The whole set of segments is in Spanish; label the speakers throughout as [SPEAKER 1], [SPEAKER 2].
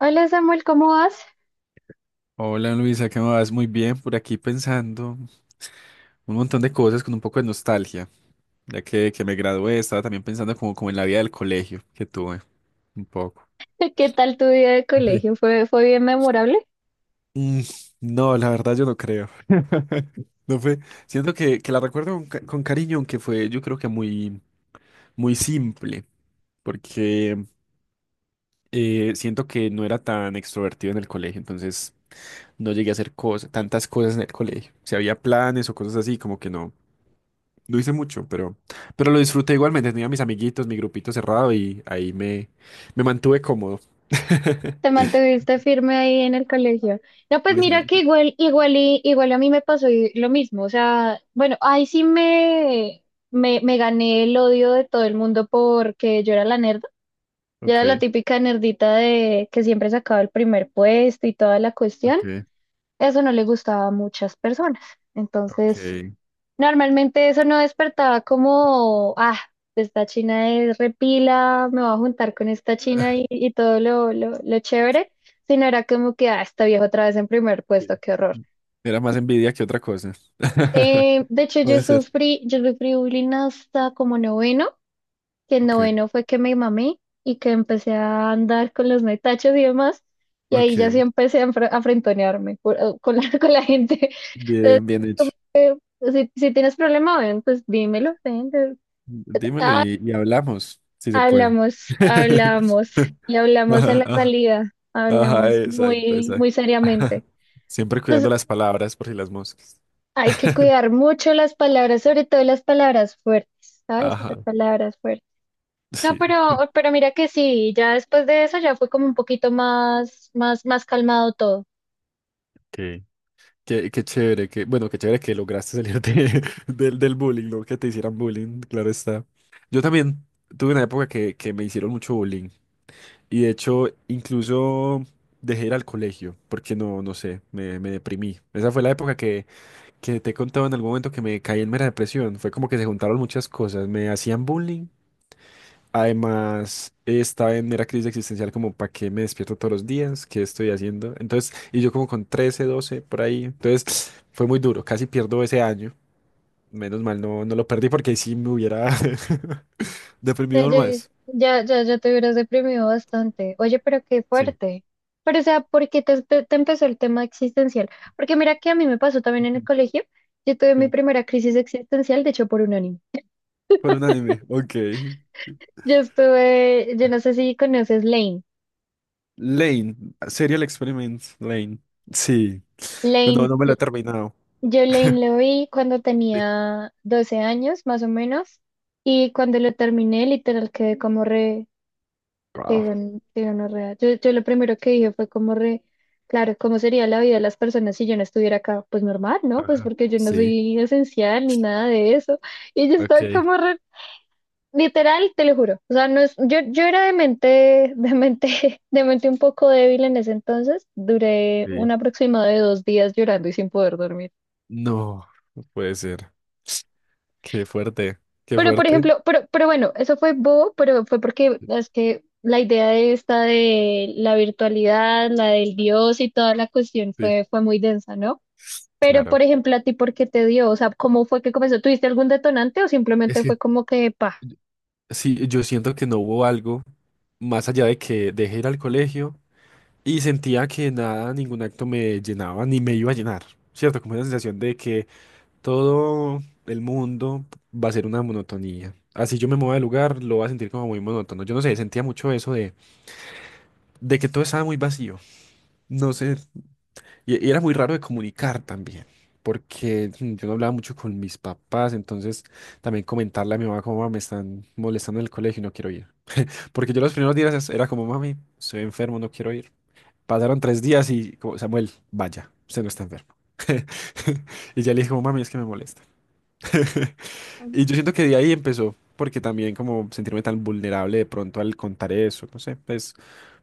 [SPEAKER 1] Hola Samuel, ¿cómo vas?
[SPEAKER 2] Hola Luisa, ¿qué más? Muy bien, por aquí pensando un montón de cosas con un poco de nostalgia, ya que me gradué. Estaba también pensando como en la vida del colegio que tuve, un poco.
[SPEAKER 1] ¿Qué tal tu día de
[SPEAKER 2] Sí.
[SPEAKER 1] colegio? ¿Fue bien memorable?
[SPEAKER 2] Mm, no, la verdad yo no creo. No fue, siento que la recuerdo con cariño, aunque fue yo creo que muy, muy simple, porque siento que no era tan extrovertido en el colegio, entonces no llegué a hacer cosas, tantas cosas en el colegio. Si había planes o cosas así, como que no. No hice mucho, pero lo disfruté igualmente. Tenía mis amiguitos, mi grupito cerrado y ahí me mantuve cómodo.
[SPEAKER 1] ¿Te mantuviste firme ahí en el colegio? No, pues
[SPEAKER 2] No es
[SPEAKER 1] mira que
[SPEAKER 2] gente.
[SPEAKER 1] igual, igual, igual a mí me pasó lo mismo. O sea, bueno, ahí sí me gané el odio de todo el mundo porque yo era la nerda. Yo era la
[SPEAKER 2] Ok,
[SPEAKER 1] típica nerdita de que siempre sacaba el primer puesto y toda la cuestión.
[SPEAKER 2] ok,
[SPEAKER 1] Eso no le gustaba a muchas personas. Entonces...
[SPEAKER 2] ok.
[SPEAKER 1] normalmente eso no despertaba como, ah, esta china es repila, me voy a juntar con esta china y todo lo chévere, sino era como que, ah, esta vieja otra vez en primer
[SPEAKER 2] Sí.
[SPEAKER 1] puesto, qué horror.
[SPEAKER 2] Era más envidia que otra cosa.
[SPEAKER 1] De hecho,
[SPEAKER 2] Puede ser.
[SPEAKER 1] yo sufrí bullying hasta como noveno, que en
[SPEAKER 2] Ok,
[SPEAKER 1] noveno fue que me mamé y que empecé a andar con los metachos y demás, y
[SPEAKER 2] ok.
[SPEAKER 1] ahí ya sí empecé a, a frentonearme con la, con la gente. Entonces,
[SPEAKER 2] Bien, bien hecho.
[SPEAKER 1] como, si tienes problema, ven, pues dímelo, ven.
[SPEAKER 2] Dímelo
[SPEAKER 1] Ah,
[SPEAKER 2] y hablamos, si se puede.
[SPEAKER 1] hablamos, hablamos y hablamos a
[SPEAKER 2] Ajá,
[SPEAKER 1] la
[SPEAKER 2] ajá,
[SPEAKER 1] salida,
[SPEAKER 2] ajá,
[SPEAKER 1] hablamos
[SPEAKER 2] exacto,
[SPEAKER 1] muy,
[SPEAKER 2] exacto.
[SPEAKER 1] muy seriamente.
[SPEAKER 2] Siempre cuidando
[SPEAKER 1] Entonces,
[SPEAKER 2] las palabras por si las moscas.
[SPEAKER 1] hay que cuidar mucho las palabras, sobre todo las palabras fuertes, ¿sabes? Las
[SPEAKER 2] Ajá,
[SPEAKER 1] palabras fuertes. No,
[SPEAKER 2] sí.
[SPEAKER 1] pero mira que sí, ya después de eso ya fue como un poquito más calmado todo.
[SPEAKER 2] Qué, qué chévere, que bueno, qué chévere que lograste salir del bullying, ¿no? Que te hicieran bullying, claro está. Yo también tuve una época que me hicieron mucho bullying, y de hecho incluso dejé ir al colegio porque no, no sé, me deprimí. Esa fue la época que te he contado en algún momento, que me caí en mera depresión. Fue como que se juntaron muchas cosas, me hacían bullying. Además, estaba en mera crisis existencial como, ¿para qué me despierto todos los días? ¿Qué estoy haciendo? Entonces, y yo como con 13 12 por ahí. Entonces, fue muy duro. Casi pierdo ese año. Menos mal no, no lo perdí, porque ahí sí me hubiera
[SPEAKER 1] Ya,
[SPEAKER 2] deprimido aún
[SPEAKER 1] llegué-
[SPEAKER 2] más.
[SPEAKER 1] ya, ya ya te hubieras deprimido bastante. Oye, pero qué
[SPEAKER 2] Sí.
[SPEAKER 1] fuerte. Pero, o sea, ¿por qué te empezó el tema existencial? Porque mira que a mí me pasó también en el
[SPEAKER 2] Ujú,
[SPEAKER 1] colegio. Yo tuve mi
[SPEAKER 2] sí.
[SPEAKER 1] primera crisis existencial, de hecho, por un anime.
[SPEAKER 2] Por un anime. Ok.
[SPEAKER 1] Yo estuve, yo no sé si conoces Lane.
[SPEAKER 2] Lane. Serial Experiment. Lane. Sí. Pero no,
[SPEAKER 1] Lane,
[SPEAKER 2] no me lo he terminado.
[SPEAKER 1] yo Lane lo vi cuando
[SPEAKER 2] Sí.
[SPEAKER 1] tenía 12 años, más o menos. Y cuando lo terminé, literal, quedé como re, qué
[SPEAKER 2] Wow.
[SPEAKER 1] qué gonorrea. Yo lo primero que dije fue como re, claro, ¿cómo sería la vida de las personas si yo no estuviera acá? Pues normal, ¿no? Pues
[SPEAKER 2] Ajá.
[SPEAKER 1] porque yo no
[SPEAKER 2] Sí.
[SPEAKER 1] soy esencial ni nada de eso. Y yo estaba
[SPEAKER 2] Ok.
[SPEAKER 1] como re, literal, te lo juro. O sea, no es, yo era de mente, de mente un poco débil en ese entonces. Duré
[SPEAKER 2] Sí.
[SPEAKER 1] un aproximado de 2 días llorando y sin poder dormir.
[SPEAKER 2] No, no puede ser. Qué fuerte, qué
[SPEAKER 1] Pero, por
[SPEAKER 2] fuerte.
[SPEAKER 1] ejemplo, pero bueno, eso fue bobo, pero fue porque es que la idea de esta de la virtualidad, la del Dios y toda la cuestión
[SPEAKER 2] Sí,
[SPEAKER 1] fue muy densa, ¿no? Pero,
[SPEAKER 2] claro.
[SPEAKER 1] por ejemplo, ¿a ti por qué te dio? O sea, ¿cómo fue que comenzó? ¿Tuviste algún detonante o
[SPEAKER 2] Es
[SPEAKER 1] simplemente fue
[SPEAKER 2] que
[SPEAKER 1] como que... pa-
[SPEAKER 2] yo- sí, yo siento que no hubo algo más allá de que dejé ir al colegio, y sentía que nada, ningún acto me llenaba ni me iba a llenar, ¿cierto? Como una sensación de que todo el mundo va a ser una monotonía. Así yo me mueva de lugar, lo voy a sentir como muy monótono. Yo no sé, sentía mucho eso de que todo estaba muy vacío. No sé. Y era muy raro de comunicar también, porque yo no hablaba mucho con mis papás, entonces también comentarle a mi mamá como "Mamá, me están molestando en el colegio y no quiero ir". Porque yo los primeros días era como, "Mami, estoy enfermo, no quiero ir". Pasaron 3 días y como, "Samuel, vaya, usted no está enfermo". Y ya le dije como, "Mami, es que me molesta". Y yo siento que de ahí empezó, porque también como sentirme tan vulnerable de pronto al contar eso, no sé, es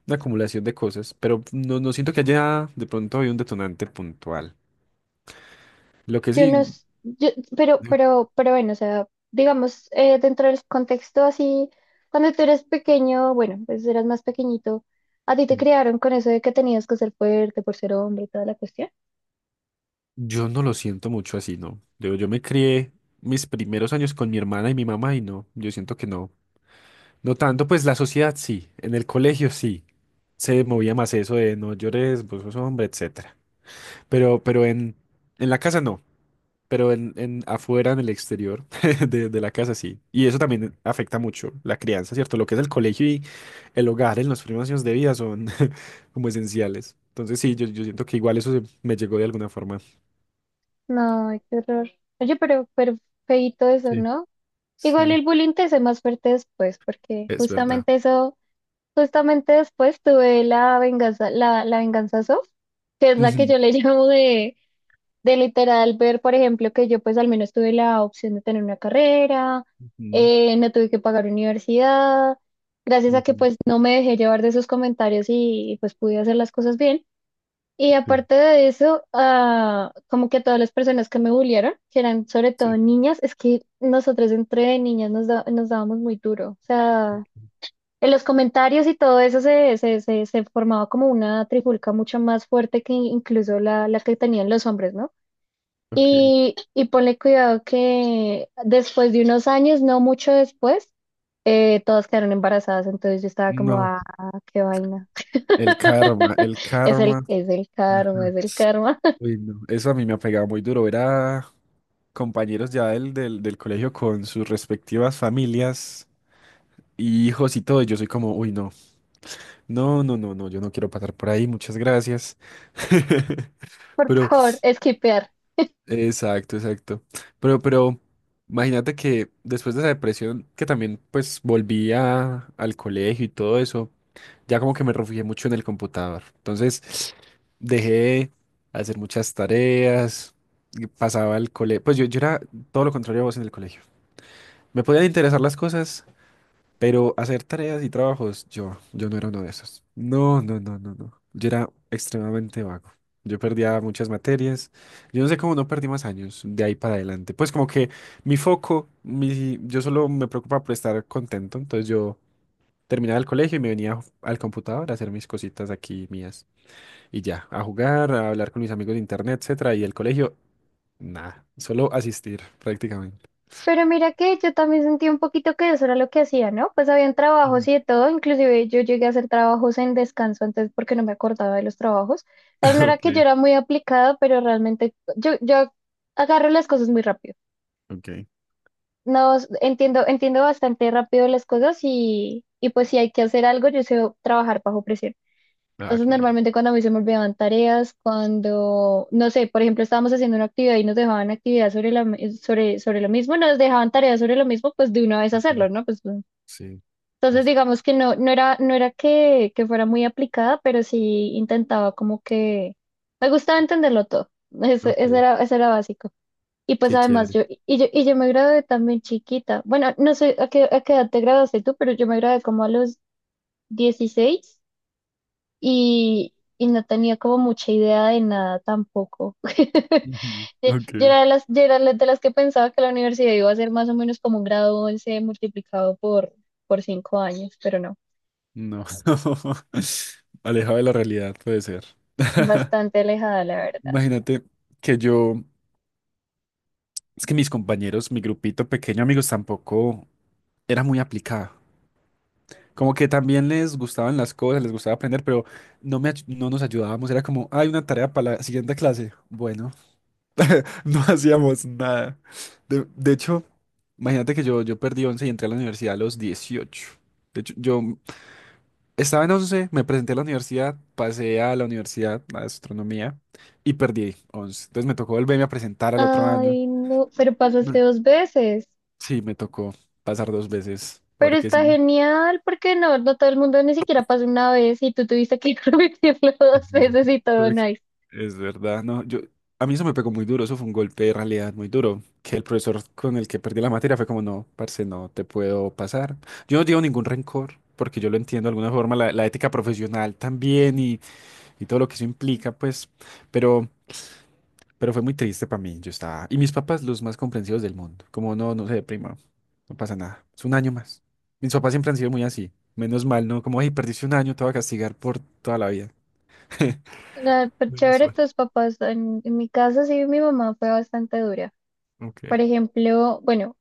[SPEAKER 2] una acumulación de cosas, pero no, no siento que haya de pronto, hay un detonante puntual. Lo que
[SPEAKER 1] Yo no,
[SPEAKER 2] sí.
[SPEAKER 1] s- yo, pero bueno, o sea, digamos, dentro del contexto así, cuando tú eres pequeño, bueno, pues eras más pequeñito, a ti te criaron con eso de que tenías que ser fuerte por ser hombre y toda la cuestión.
[SPEAKER 2] Yo no lo siento mucho así, ¿no? Digo, yo me crié mis primeros años con mi hermana y mi mamá y no, yo siento que no. No tanto, pues la sociedad sí, en el colegio sí, se movía más eso de no llores, vos sos hombre, etcétera. Pero en la casa no, pero en afuera, en el exterior de la casa sí. Y eso también afecta mucho la crianza, ¿cierto? Lo que es el colegio y el hogar en los primeros años de vida son como esenciales. Entonces sí, yo siento que igual eso se- me llegó de alguna forma.
[SPEAKER 1] No, ay, qué horror. Oye, pero feíto eso,
[SPEAKER 2] Sí.
[SPEAKER 1] ¿no? Igual
[SPEAKER 2] Sí.
[SPEAKER 1] el bullying te hace más fuerte después, porque
[SPEAKER 2] Es verdad.
[SPEAKER 1] justamente eso, justamente después tuve la venganza, la venganza soft, que es la que
[SPEAKER 2] Ujú,
[SPEAKER 1] yo le llamo de literal ver, por ejemplo, que yo pues al menos tuve la opción de tener una carrera,
[SPEAKER 2] ujú,
[SPEAKER 1] no tuve que pagar universidad, gracias a que
[SPEAKER 2] ujú.
[SPEAKER 1] pues no me dejé llevar de esos comentarios pues pude hacer las cosas bien. Y
[SPEAKER 2] Sí,
[SPEAKER 1] aparte de eso, ah, como que todas las personas que me bullearon, que eran sobre todo
[SPEAKER 2] sí.
[SPEAKER 1] niñas, es que nosotros entre niñas nos, nos dábamos muy duro. O sea, en los comentarios y todo eso se formaba como una trifulca mucho más fuerte que incluso la, la que tenían los hombres, ¿no?
[SPEAKER 2] Ok.
[SPEAKER 1] Y ponle cuidado que después de unos años, no mucho después, todas quedaron embarazadas, entonces yo estaba como,
[SPEAKER 2] No,
[SPEAKER 1] ah, qué vaina.
[SPEAKER 2] el karma, el karma.
[SPEAKER 1] Es el karma,
[SPEAKER 2] Ajá.
[SPEAKER 1] es el karma.
[SPEAKER 2] Uy, no. Eso a mí me ha pegado muy duro. Ver a compañeros ya del colegio con sus respectivas familias y hijos y todo. Y yo soy como, uy, no, no, no, no, no, yo no quiero pasar por ahí, muchas gracias.
[SPEAKER 1] Por
[SPEAKER 2] Pero,
[SPEAKER 1] favor, esquipear.
[SPEAKER 2] exacto, exacto. Pero, imagínate que después de esa depresión, que también pues volví al colegio y todo eso. Ya como que me refugié mucho en el computador. Entonces dejé de hacer muchas tareas, y pasaba al colegio. Pues yo era todo lo contrario a vos en el colegio. Me podían interesar las cosas, pero hacer tareas y trabajos, yo no era uno de esos. No, no, no, no, no. Yo era extremadamente vago. Yo perdía muchas materias. Yo no sé cómo no perdí más años de ahí para adelante. Pues como que mi foco, yo solo me preocupaba por estar contento. Entonces yo... Terminaba el colegio y me venía al computador a hacer mis cositas aquí mías. Y ya, a jugar, a hablar con mis amigos de internet, etcétera. Y el colegio, nada, solo asistir prácticamente.
[SPEAKER 1] Pero mira que yo también sentí un poquito que eso era lo que hacía, ¿no? Pues habían trabajos
[SPEAKER 2] Ujú.
[SPEAKER 1] y de todo, inclusive yo llegué a hacer trabajos en descanso antes porque no me acordaba de los trabajos. Pero no era
[SPEAKER 2] Ok,
[SPEAKER 1] que yo era muy aplicada, pero realmente yo agarro las cosas muy rápido.
[SPEAKER 2] ok.
[SPEAKER 1] No, s- entiendo, entiendo bastante rápido las cosas y pues si hay que hacer algo, yo sé trabajar bajo presión.
[SPEAKER 2] Ah,
[SPEAKER 1] Entonces,
[SPEAKER 2] qué bien.
[SPEAKER 1] normalmente cuando a mí se me olvidaban tareas, cuando, no sé, por ejemplo, estábamos haciendo una actividad y nos dejaban actividad sobre sobre, sobre lo mismo, nos dejaban tareas sobre lo mismo, pues de una vez
[SPEAKER 2] Ok,
[SPEAKER 1] hacerlo, ¿no? Pues,
[SPEAKER 2] sí,
[SPEAKER 1] entonces,
[SPEAKER 2] eso.
[SPEAKER 1] digamos que no, no era que fuera muy aplicada, pero sí intentaba como que me gustaba entenderlo todo. Eso,
[SPEAKER 2] Ok,
[SPEAKER 1] eso era básico. Y pues
[SPEAKER 2] qué
[SPEAKER 1] además
[SPEAKER 2] chévere.
[SPEAKER 1] yo me gradué también chiquita. Bueno, no sé a qué edad te graduaste tú, pero yo me gradué como a los 16 y no tenía como mucha idea de nada tampoco.
[SPEAKER 2] Ujú.
[SPEAKER 1] Yo
[SPEAKER 2] Ok,
[SPEAKER 1] yo era de las que pensaba que la universidad iba a ser más o menos como un grado 11 multiplicado por 5 años, pero no,
[SPEAKER 2] no. Alejado de la realidad, puede ser.
[SPEAKER 1] bastante alejada la verdad.
[SPEAKER 2] Imagínate que es que mis compañeros, mi grupito pequeño, amigos, tampoco era muy aplicado. Como que también les gustaban las cosas, les gustaba aprender, pero no, no nos ayudábamos. Era como, hay una tarea para la siguiente clase. Bueno, no hacíamos nada. De hecho, imagínate que yo perdí 11 y entré a la universidad a los 18. De hecho, yo estaba en 11, me presenté a la universidad, pasé a la universidad, a astronomía, y perdí 11. Entonces me tocó volverme a presentar al otro año.
[SPEAKER 1] Ay, no, pero pasaste
[SPEAKER 2] No,
[SPEAKER 1] dos veces.
[SPEAKER 2] sí, me tocó pasar 2 veces,
[SPEAKER 1] Pero
[SPEAKER 2] porque
[SPEAKER 1] está
[SPEAKER 2] sí.
[SPEAKER 1] genial porque no, no todo el mundo ni siquiera pasa una vez y tú tuviste que repetirlo
[SPEAKER 2] Es
[SPEAKER 1] dos
[SPEAKER 2] verdad,
[SPEAKER 1] veces y todo nice.
[SPEAKER 2] es verdad, no, a mí eso me pegó muy duro, eso fue un golpe de realidad muy duro, que el profesor con el que perdí la materia fue como, no, parce, no te puedo pasar. Yo no llevo ningún rencor, porque yo lo entiendo de alguna forma, la ética profesional también y todo lo que eso implica, pues, pero, pero fue muy triste para mí. Yo estaba, y mis papás los más comprensivos del mundo, como, no, no se deprima, no pasa nada, es un año más. Mis papás siempre han sido muy así, menos mal, ¿no? Como, hey, perdiste un año, te voy a castigar por toda la vida.
[SPEAKER 1] Nada, pero
[SPEAKER 2] Menos
[SPEAKER 1] chévere,
[SPEAKER 2] mal.
[SPEAKER 1] tus papás, en mi caso sí, mi mamá fue bastante dura.
[SPEAKER 2] Ok.
[SPEAKER 1] Por ejemplo, bueno,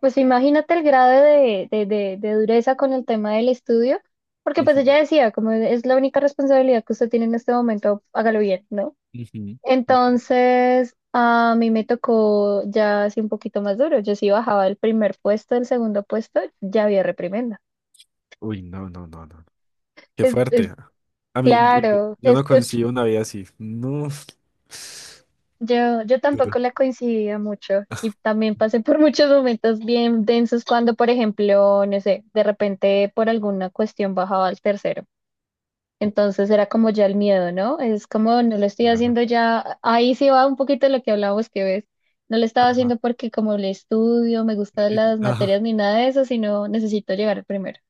[SPEAKER 1] pues imagínate el grado de dureza con el tema del estudio, porque pues
[SPEAKER 2] Ujú,
[SPEAKER 1] ella decía, como es la única responsabilidad que usted tiene en este momento, hágalo bien, ¿no?
[SPEAKER 2] ujú, ujú.
[SPEAKER 1] Entonces, a mí me tocó ya así un poquito más duro. Yo sí bajaba del primer puesto, del segundo puesto, ya había reprimenda.
[SPEAKER 2] Uy, no, no, no, no. Qué
[SPEAKER 1] Es
[SPEAKER 2] fuerte. A mí, uy, yo,
[SPEAKER 1] claro,
[SPEAKER 2] yo
[SPEAKER 1] es
[SPEAKER 2] no
[SPEAKER 1] que
[SPEAKER 2] consigo una vida así. No.
[SPEAKER 1] yo tampoco
[SPEAKER 2] Duro.
[SPEAKER 1] la coincidía mucho y también pasé por muchos momentos bien densos cuando, por ejemplo, no sé, de repente por alguna cuestión bajaba al tercero.
[SPEAKER 2] Uf,
[SPEAKER 1] Entonces era como ya el miedo, ¿no? Es como no lo estoy
[SPEAKER 2] claro.
[SPEAKER 1] haciendo ya, ahí sí va un poquito lo que hablábamos que ves. No lo estaba
[SPEAKER 2] Ajá.
[SPEAKER 1] haciendo porque como le estudio, me gustan las
[SPEAKER 2] Ajá.
[SPEAKER 1] materias ni nada de eso, sino necesito llegar primero.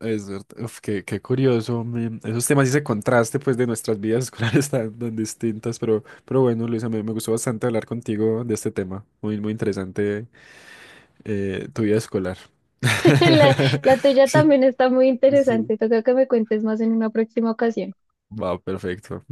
[SPEAKER 2] Es cierto. Uf, qué curioso, men. Esos temas y ese contraste, pues, de nuestras vidas escolares tan, tan distintas. Pero bueno, Luisa, me gustó bastante hablar contigo de este tema. Muy, muy interesante tu vida escolar.
[SPEAKER 1] La, la tuya
[SPEAKER 2] Sí,
[SPEAKER 1] también está muy
[SPEAKER 2] sí.
[SPEAKER 1] interesante. Toca que me cuentes más en una próxima ocasión.
[SPEAKER 2] Va, perfecto.